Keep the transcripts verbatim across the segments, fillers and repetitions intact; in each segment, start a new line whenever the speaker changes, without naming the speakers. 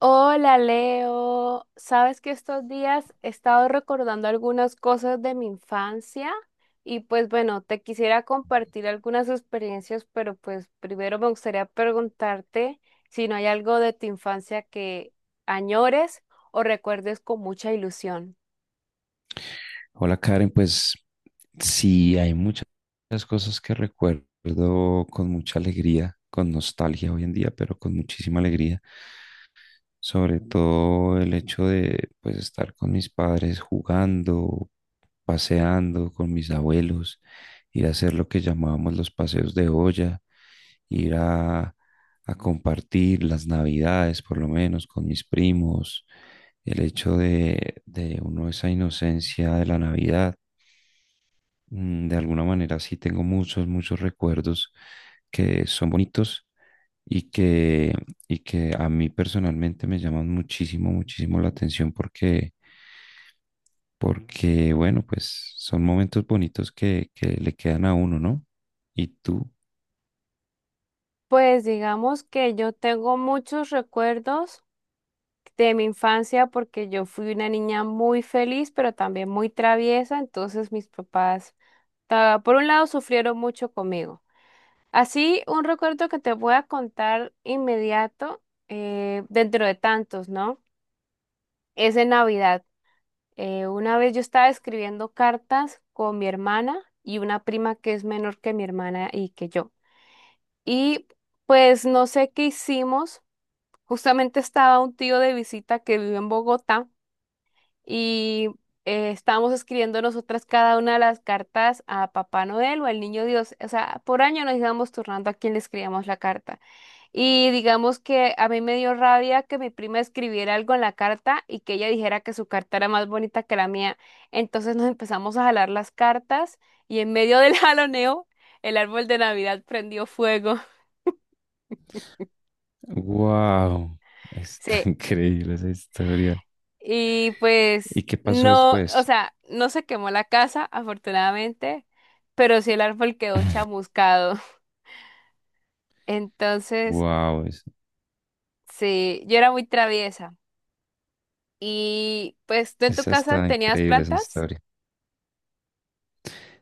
Hola Leo, sabes que estos días he estado recordando algunas cosas de mi infancia y pues bueno, te quisiera compartir algunas experiencias, pero pues primero me gustaría preguntarte si no hay algo de tu infancia que añores o recuerdes con mucha ilusión.
Hola Karen, pues sí, hay muchas cosas que recuerdo con mucha alegría, con nostalgia hoy en día, pero con muchísima alegría. Sobre todo el hecho de pues estar con mis padres jugando, paseando con mis abuelos, ir a hacer lo que llamábamos los paseos de olla, ir a, a compartir las navidades por lo menos con mis primos, el hecho de, de uno esa inocencia de la Navidad mm, de alguna manera sí tengo muchos, muchos recuerdos que son bonitos y que, y que a mí personalmente me llaman muchísimo, muchísimo la atención porque, porque bueno, pues son momentos bonitos que, que le quedan a uno, ¿no? ¿Y tú?
Pues digamos que yo tengo muchos recuerdos de mi infancia porque yo fui una niña muy feliz, pero también muy traviesa, entonces mis papás ta- por un lado, sufrieron mucho conmigo. Así, un recuerdo que te voy a contar inmediato, eh, dentro de tantos, ¿no? Es en Navidad. Eh, una vez yo estaba escribiendo cartas con mi hermana y una prima que es menor que mi hermana y que yo. Y pues no sé qué hicimos. Justamente estaba un tío de visita que vive en Bogotá. Y eh, estábamos escribiendo nosotras cada una de las cartas a Papá Noel o al Niño Dios. O sea, por año nos íbamos turnando a quién le escribíamos la carta. Y digamos que a mí me dio rabia que mi prima escribiera algo en la carta y que ella dijera que su carta era más bonita que la mía. Entonces nos empezamos a jalar las cartas y en medio del jaloneo, el árbol de Navidad prendió fuego.
¡Wow! Está
Sí,
increíble esa historia.
y pues
¿Y qué pasó
no, o
después?
sea, no se quemó la casa, afortunadamente, pero sí el árbol quedó chamuscado. Entonces,
¡Wow! Es,
sí, yo era muy traviesa. Y pues, ¿tú en tu
esa
casa
está
tenías
increíble esa
plantas?
historia.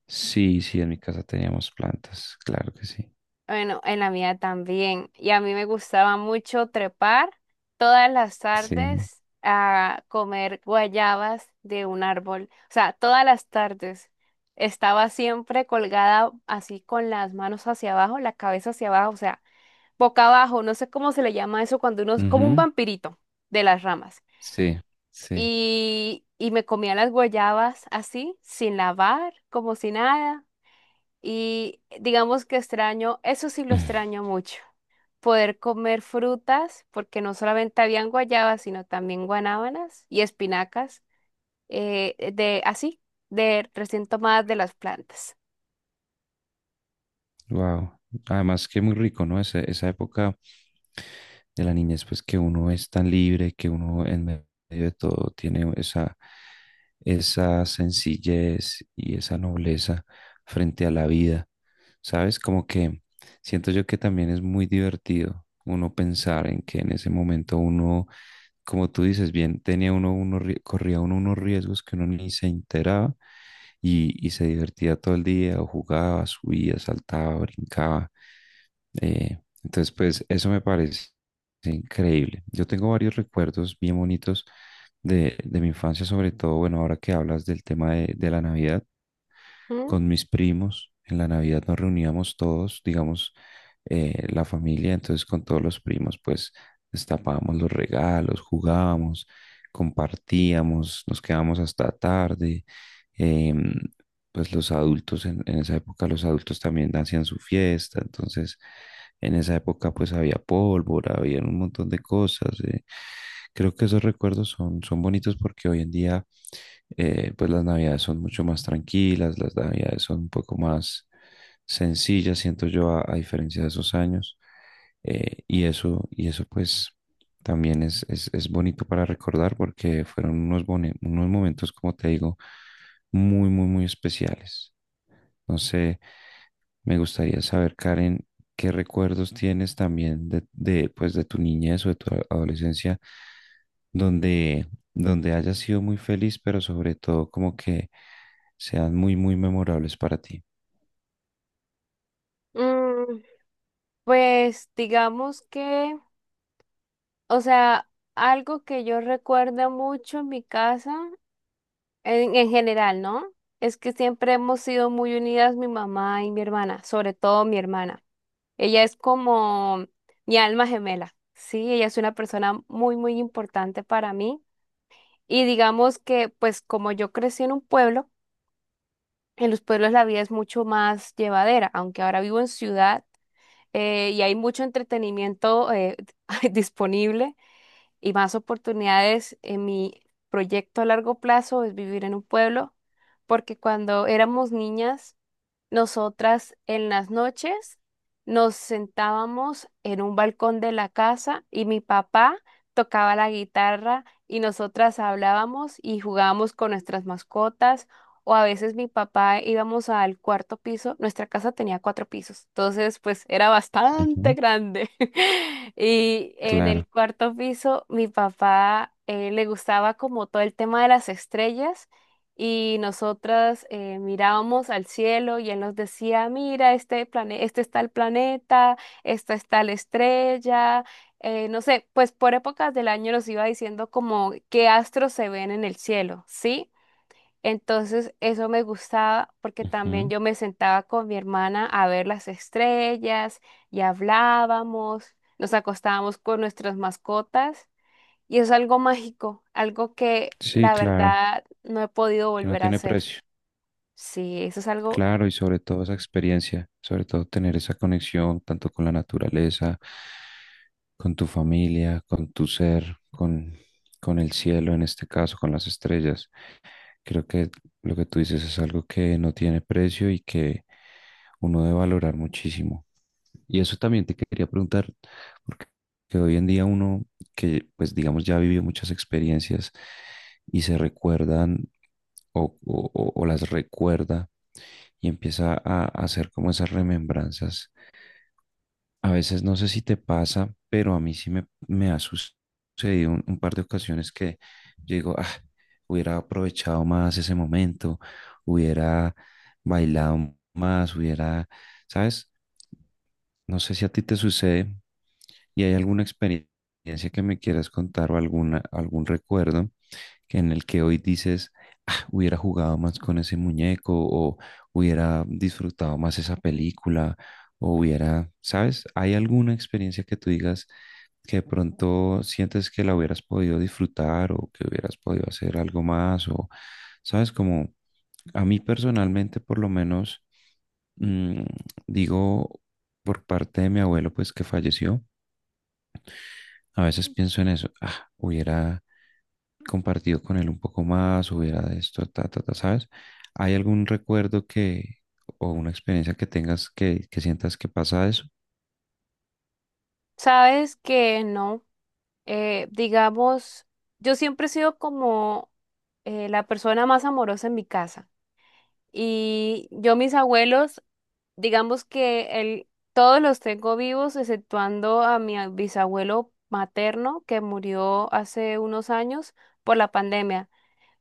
Sí, sí, en mi casa teníamos plantas, claro que sí.
Bueno, en la mía también. Y a mí me gustaba mucho trepar todas las
Sí.
tardes a comer guayabas de un árbol. O sea, todas las tardes estaba siempre colgada así con las manos hacia abajo, la cabeza hacia abajo, o sea, boca abajo. No sé cómo se le llama eso cuando uno es como un
Ujú.
vampirito de las ramas.
Sí, sí.
Y, y me comía las guayabas así, sin lavar, como si nada. Y digamos que extraño, eso sí lo extraño mucho poder comer frutas, porque no solamente habían guayabas, sino también guanábanas y espinacas, eh, eh, de así, de recién tomadas de las plantas.
Wow. Además que muy rico, ¿no? Ese- esa época de la niñez, pues que uno es tan libre, que uno en medio de todo tiene esa, esa sencillez y esa nobleza frente a la vida. ¿Sabes? Como que siento yo que también es muy divertido uno pensar en que en ese momento uno, como tú dices, bien, tenía uno, uno, corría uno unos riesgos que uno ni se enteraba y, y se divertía todo el día, o jugaba, subía, saltaba, brincaba. Eh, entonces, pues eso me parece increíble. Yo tengo varios recuerdos bien bonitos de, de mi infancia, sobre todo, bueno, ahora que hablas del tema de, de la Navidad,
¿Mm?
con mis primos. En la Navidad nos reuníamos todos, digamos, eh, la familia, entonces con todos los primos, pues destapábamos los regalos, jugábamos, compartíamos, nos quedábamos hasta tarde. em, pues los adultos, en, en esa época los adultos también hacían su fiesta, entonces en esa época pues había pólvora, había un montón de cosas. eh. Creo que esos recuerdos son, son bonitos porque hoy en día eh, pues las navidades son mucho más tranquilas, las navidades son un poco más sencillas, siento yo, a, a diferencia de esos años. eh, y eso, y eso pues también es, es, es bonito para recordar porque fueron unos, bone- unos momentos, como te digo, muy, muy, muy especiales. No sé, me gustaría saber, Karen, qué recuerdos tienes también de, de, pues, de tu niñez o de tu a- adolescencia donde, donde hayas sido muy feliz, pero sobre todo como que sean muy, muy memorables para ti.
Mm, pues digamos que, o sea, algo que yo recuerdo mucho en mi casa, en, en general, ¿no? Es que siempre hemos sido muy unidas mi mamá y mi hermana, sobre todo mi hermana. Ella es como mi alma gemela, sí, ella es una persona muy, muy importante para mí. Y digamos que, pues como yo crecí en un pueblo, en los pueblos la vida es mucho más llevadera, aunque ahora vivo en ciudad eh, y hay mucho entretenimiento eh, disponible y más oportunidades. En mi proyecto a largo plazo es vivir en un pueblo, porque cuando éramos niñas nosotras en las noches nos sentábamos en un balcón de la casa y mi papá tocaba la guitarra y nosotras hablábamos y jugábamos con nuestras mascotas o a veces mi papá íbamos al cuarto piso. Nuestra casa tenía cuatro pisos, entonces pues era bastante
Ujú.
grande. Y en
Claro.
el cuarto piso mi papá eh, le gustaba como todo el tema de las estrellas y nosotras eh, mirábamos al cielo y él nos decía, mira, este plane este está el planeta, esta está la estrella, eh, no sé, pues por épocas del año nos iba diciendo como qué astros se ven en el cielo, ¿sí? Entonces eso me gustaba porque también
Ujú.
yo me sentaba con mi hermana a ver las estrellas y hablábamos, nos acostábamos con nuestras mascotas. Y es algo mágico, algo que
Sí,
la
claro,
verdad no he podido
que no
volver a
tiene
hacer.
precio.
Sí, eso es algo,
Claro, y sobre todo esa experiencia, sobre todo tener esa conexión tanto con la naturaleza, con tu familia, con tu ser, con, con el cielo en este caso, con las estrellas. Creo que lo que tú dices es algo que no tiene precio y que uno debe valorar muchísimo. Y eso también te quería preguntar, porque que hoy en día uno que, pues digamos, ya vivió muchas experiencias y se recuerdan o, o- o- o las recuerda y empieza a a hacer como esas remembranzas, a veces no sé si te pasa, pero a mí sí me, me ha sus- sucedido un, un par de ocasiones que yo digo, ah, hubiera aprovechado más ese momento, hubiera bailado más, hubiera, ¿sabes? No sé si a ti te sucede y hay alguna experiencia que me quieras contar, o alguna, algún recuerdo que en el que hoy dices: "Ah, hubiera jugado más con ese muñeco, o hubiera disfrutado más esa película, o hubiera, ¿sabes?". ¿Hay alguna experiencia que tú digas que de pronto sientes que la hubieras podido disfrutar, o que hubieras podido hacer algo más, o, ¿sabes? Como a mí personalmente por lo menos mm, digo, por parte de mi abuelo pues que falleció, a veces pienso en eso, ah, hubiera compartido con él un poco más, hubiera de esto, ta, ta, ta, ¿sabes? ¿Hay algún recuerdo, que, o una experiencia que tengas, que, que sientas que pasa eso?
sabes que no, eh, digamos, yo siempre he sido como eh, la persona más amorosa en mi casa. Y yo, mis abuelos, digamos que el- todos los tengo vivos, exceptuando a mi bisabuelo materno que murió hace unos años por la pandemia.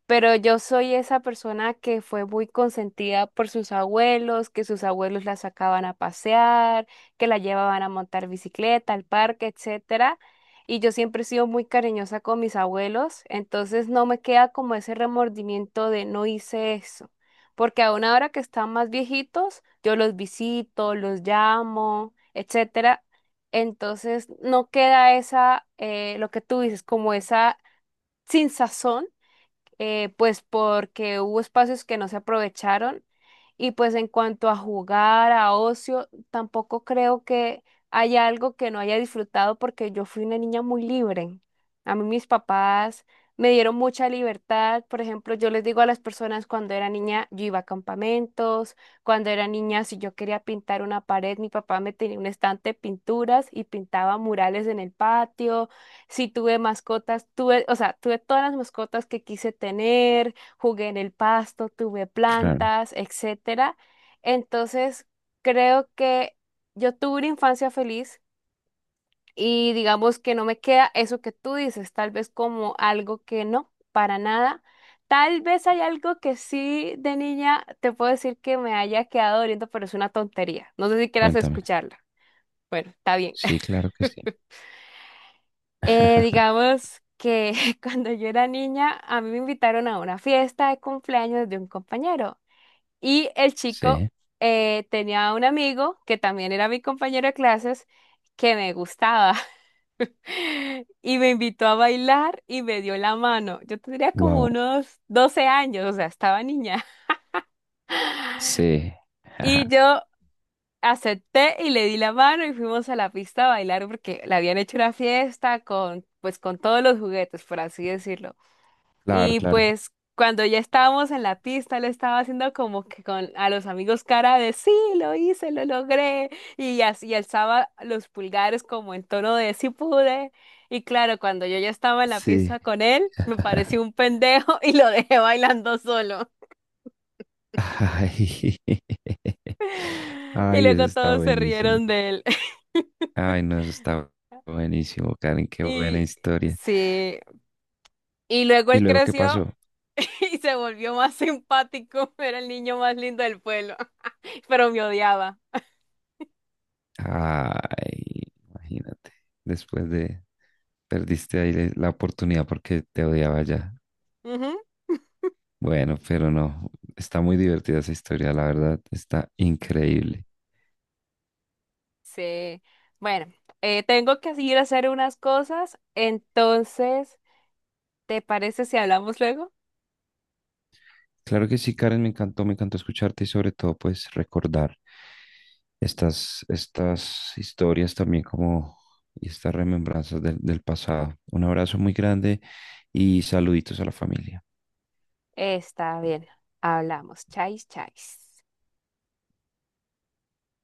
Pero yo soy esa persona que fue muy consentida por sus abuelos, que sus abuelos la sacaban a pasear, que la llevaban a montar bicicleta, al parque, etcétera. Y yo siempre he sido muy cariñosa con mis abuelos, entonces no me queda como ese remordimiento de no hice eso. Porque aún ahora que están más viejitos, yo los visito, los llamo, etcétera. Entonces no queda esa, eh, lo que tú dices, como esa sin sazón eh, pues porque hubo espacios que no se aprovecharon. Y pues en cuanto a jugar, a ocio, tampoco creo que haya algo que no haya disfrutado porque yo fui una niña muy libre. A mí mis papás me dieron mucha libertad. Por ejemplo, yo les digo a las personas cuando era niña, yo iba a campamentos, cuando era niña, si yo quería pintar una pared, mi papá me tenía un estante de pinturas y pintaba murales en el patio. Sí, tuve mascotas, tuve, o sea, tuve todas las mascotas que quise tener, jugué en el pasto, tuve
Claro,
plantas, etcétera. Entonces, creo que yo tuve una infancia feliz y digamos que no me queda eso que tú dices, tal vez como algo que no, para nada. Tal vez hay algo que sí de niña te puedo decir que me haya quedado doliendo, pero es una tontería. No sé si quieras
cuéntame.
escucharla. Bueno, está bien.
Sí, claro que sí.
Eh, digamos que cuando yo era niña, a mí me invitaron a una fiesta de cumpleaños de un compañero y el chico
Sí.
eh, tenía un amigo que también era mi compañero de clases que me gustaba y me invitó a bailar y me dio la mano. Yo tendría como
Wow.
unos doce años, o sea, estaba niña.
Sí. Ajá.
Y yo acepté y le di la mano y fuimos a la pista a bailar porque le habían hecho una fiesta con, pues, con todos los juguetes, por así decirlo.
Claro,
Y
claro.
pues cuando ya estábamos en la pista, lo estaba haciendo como que con a los amigos cara de sí, lo hice, lo logré. Y así alzaba los pulgares como en tono de sí pude. Y claro, cuando yo ya estaba en la
Sí.
pista con él, me pareció un pendejo y lo dejé bailando solo.
Ay.
Y
Ay, eso
luego
está
todos se
buenísimo.
rieron de él.
Ay, no, eso está buenísimo, Karen, qué buena
Y
historia.
sí, y luego
¿Y
él
luego qué
creció
pasó?
y se volvió más simpático. Era el niño más lindo del pueblo, pero me odiaba.
Ay, imagínate, después de, perdiste ahí la oportunidad porque te odiaba ya.
Ujú.
Bueno, pero no, está muy divertida esa historia, la verdad, está increíble.
Sí. Bueno, eh, tengo que ir a hacer unas cosas, entonces, ¿te parece si hablamos luego?
Claro que sí, Karen, me encantó, me encantó escucharte y sobre todo pues recordar estas, estas historias también, como y estas remembranzas del del pasado. Un abrazo muy grande y saluditos a la familia.
Está bien, hablamos. Chais, chais.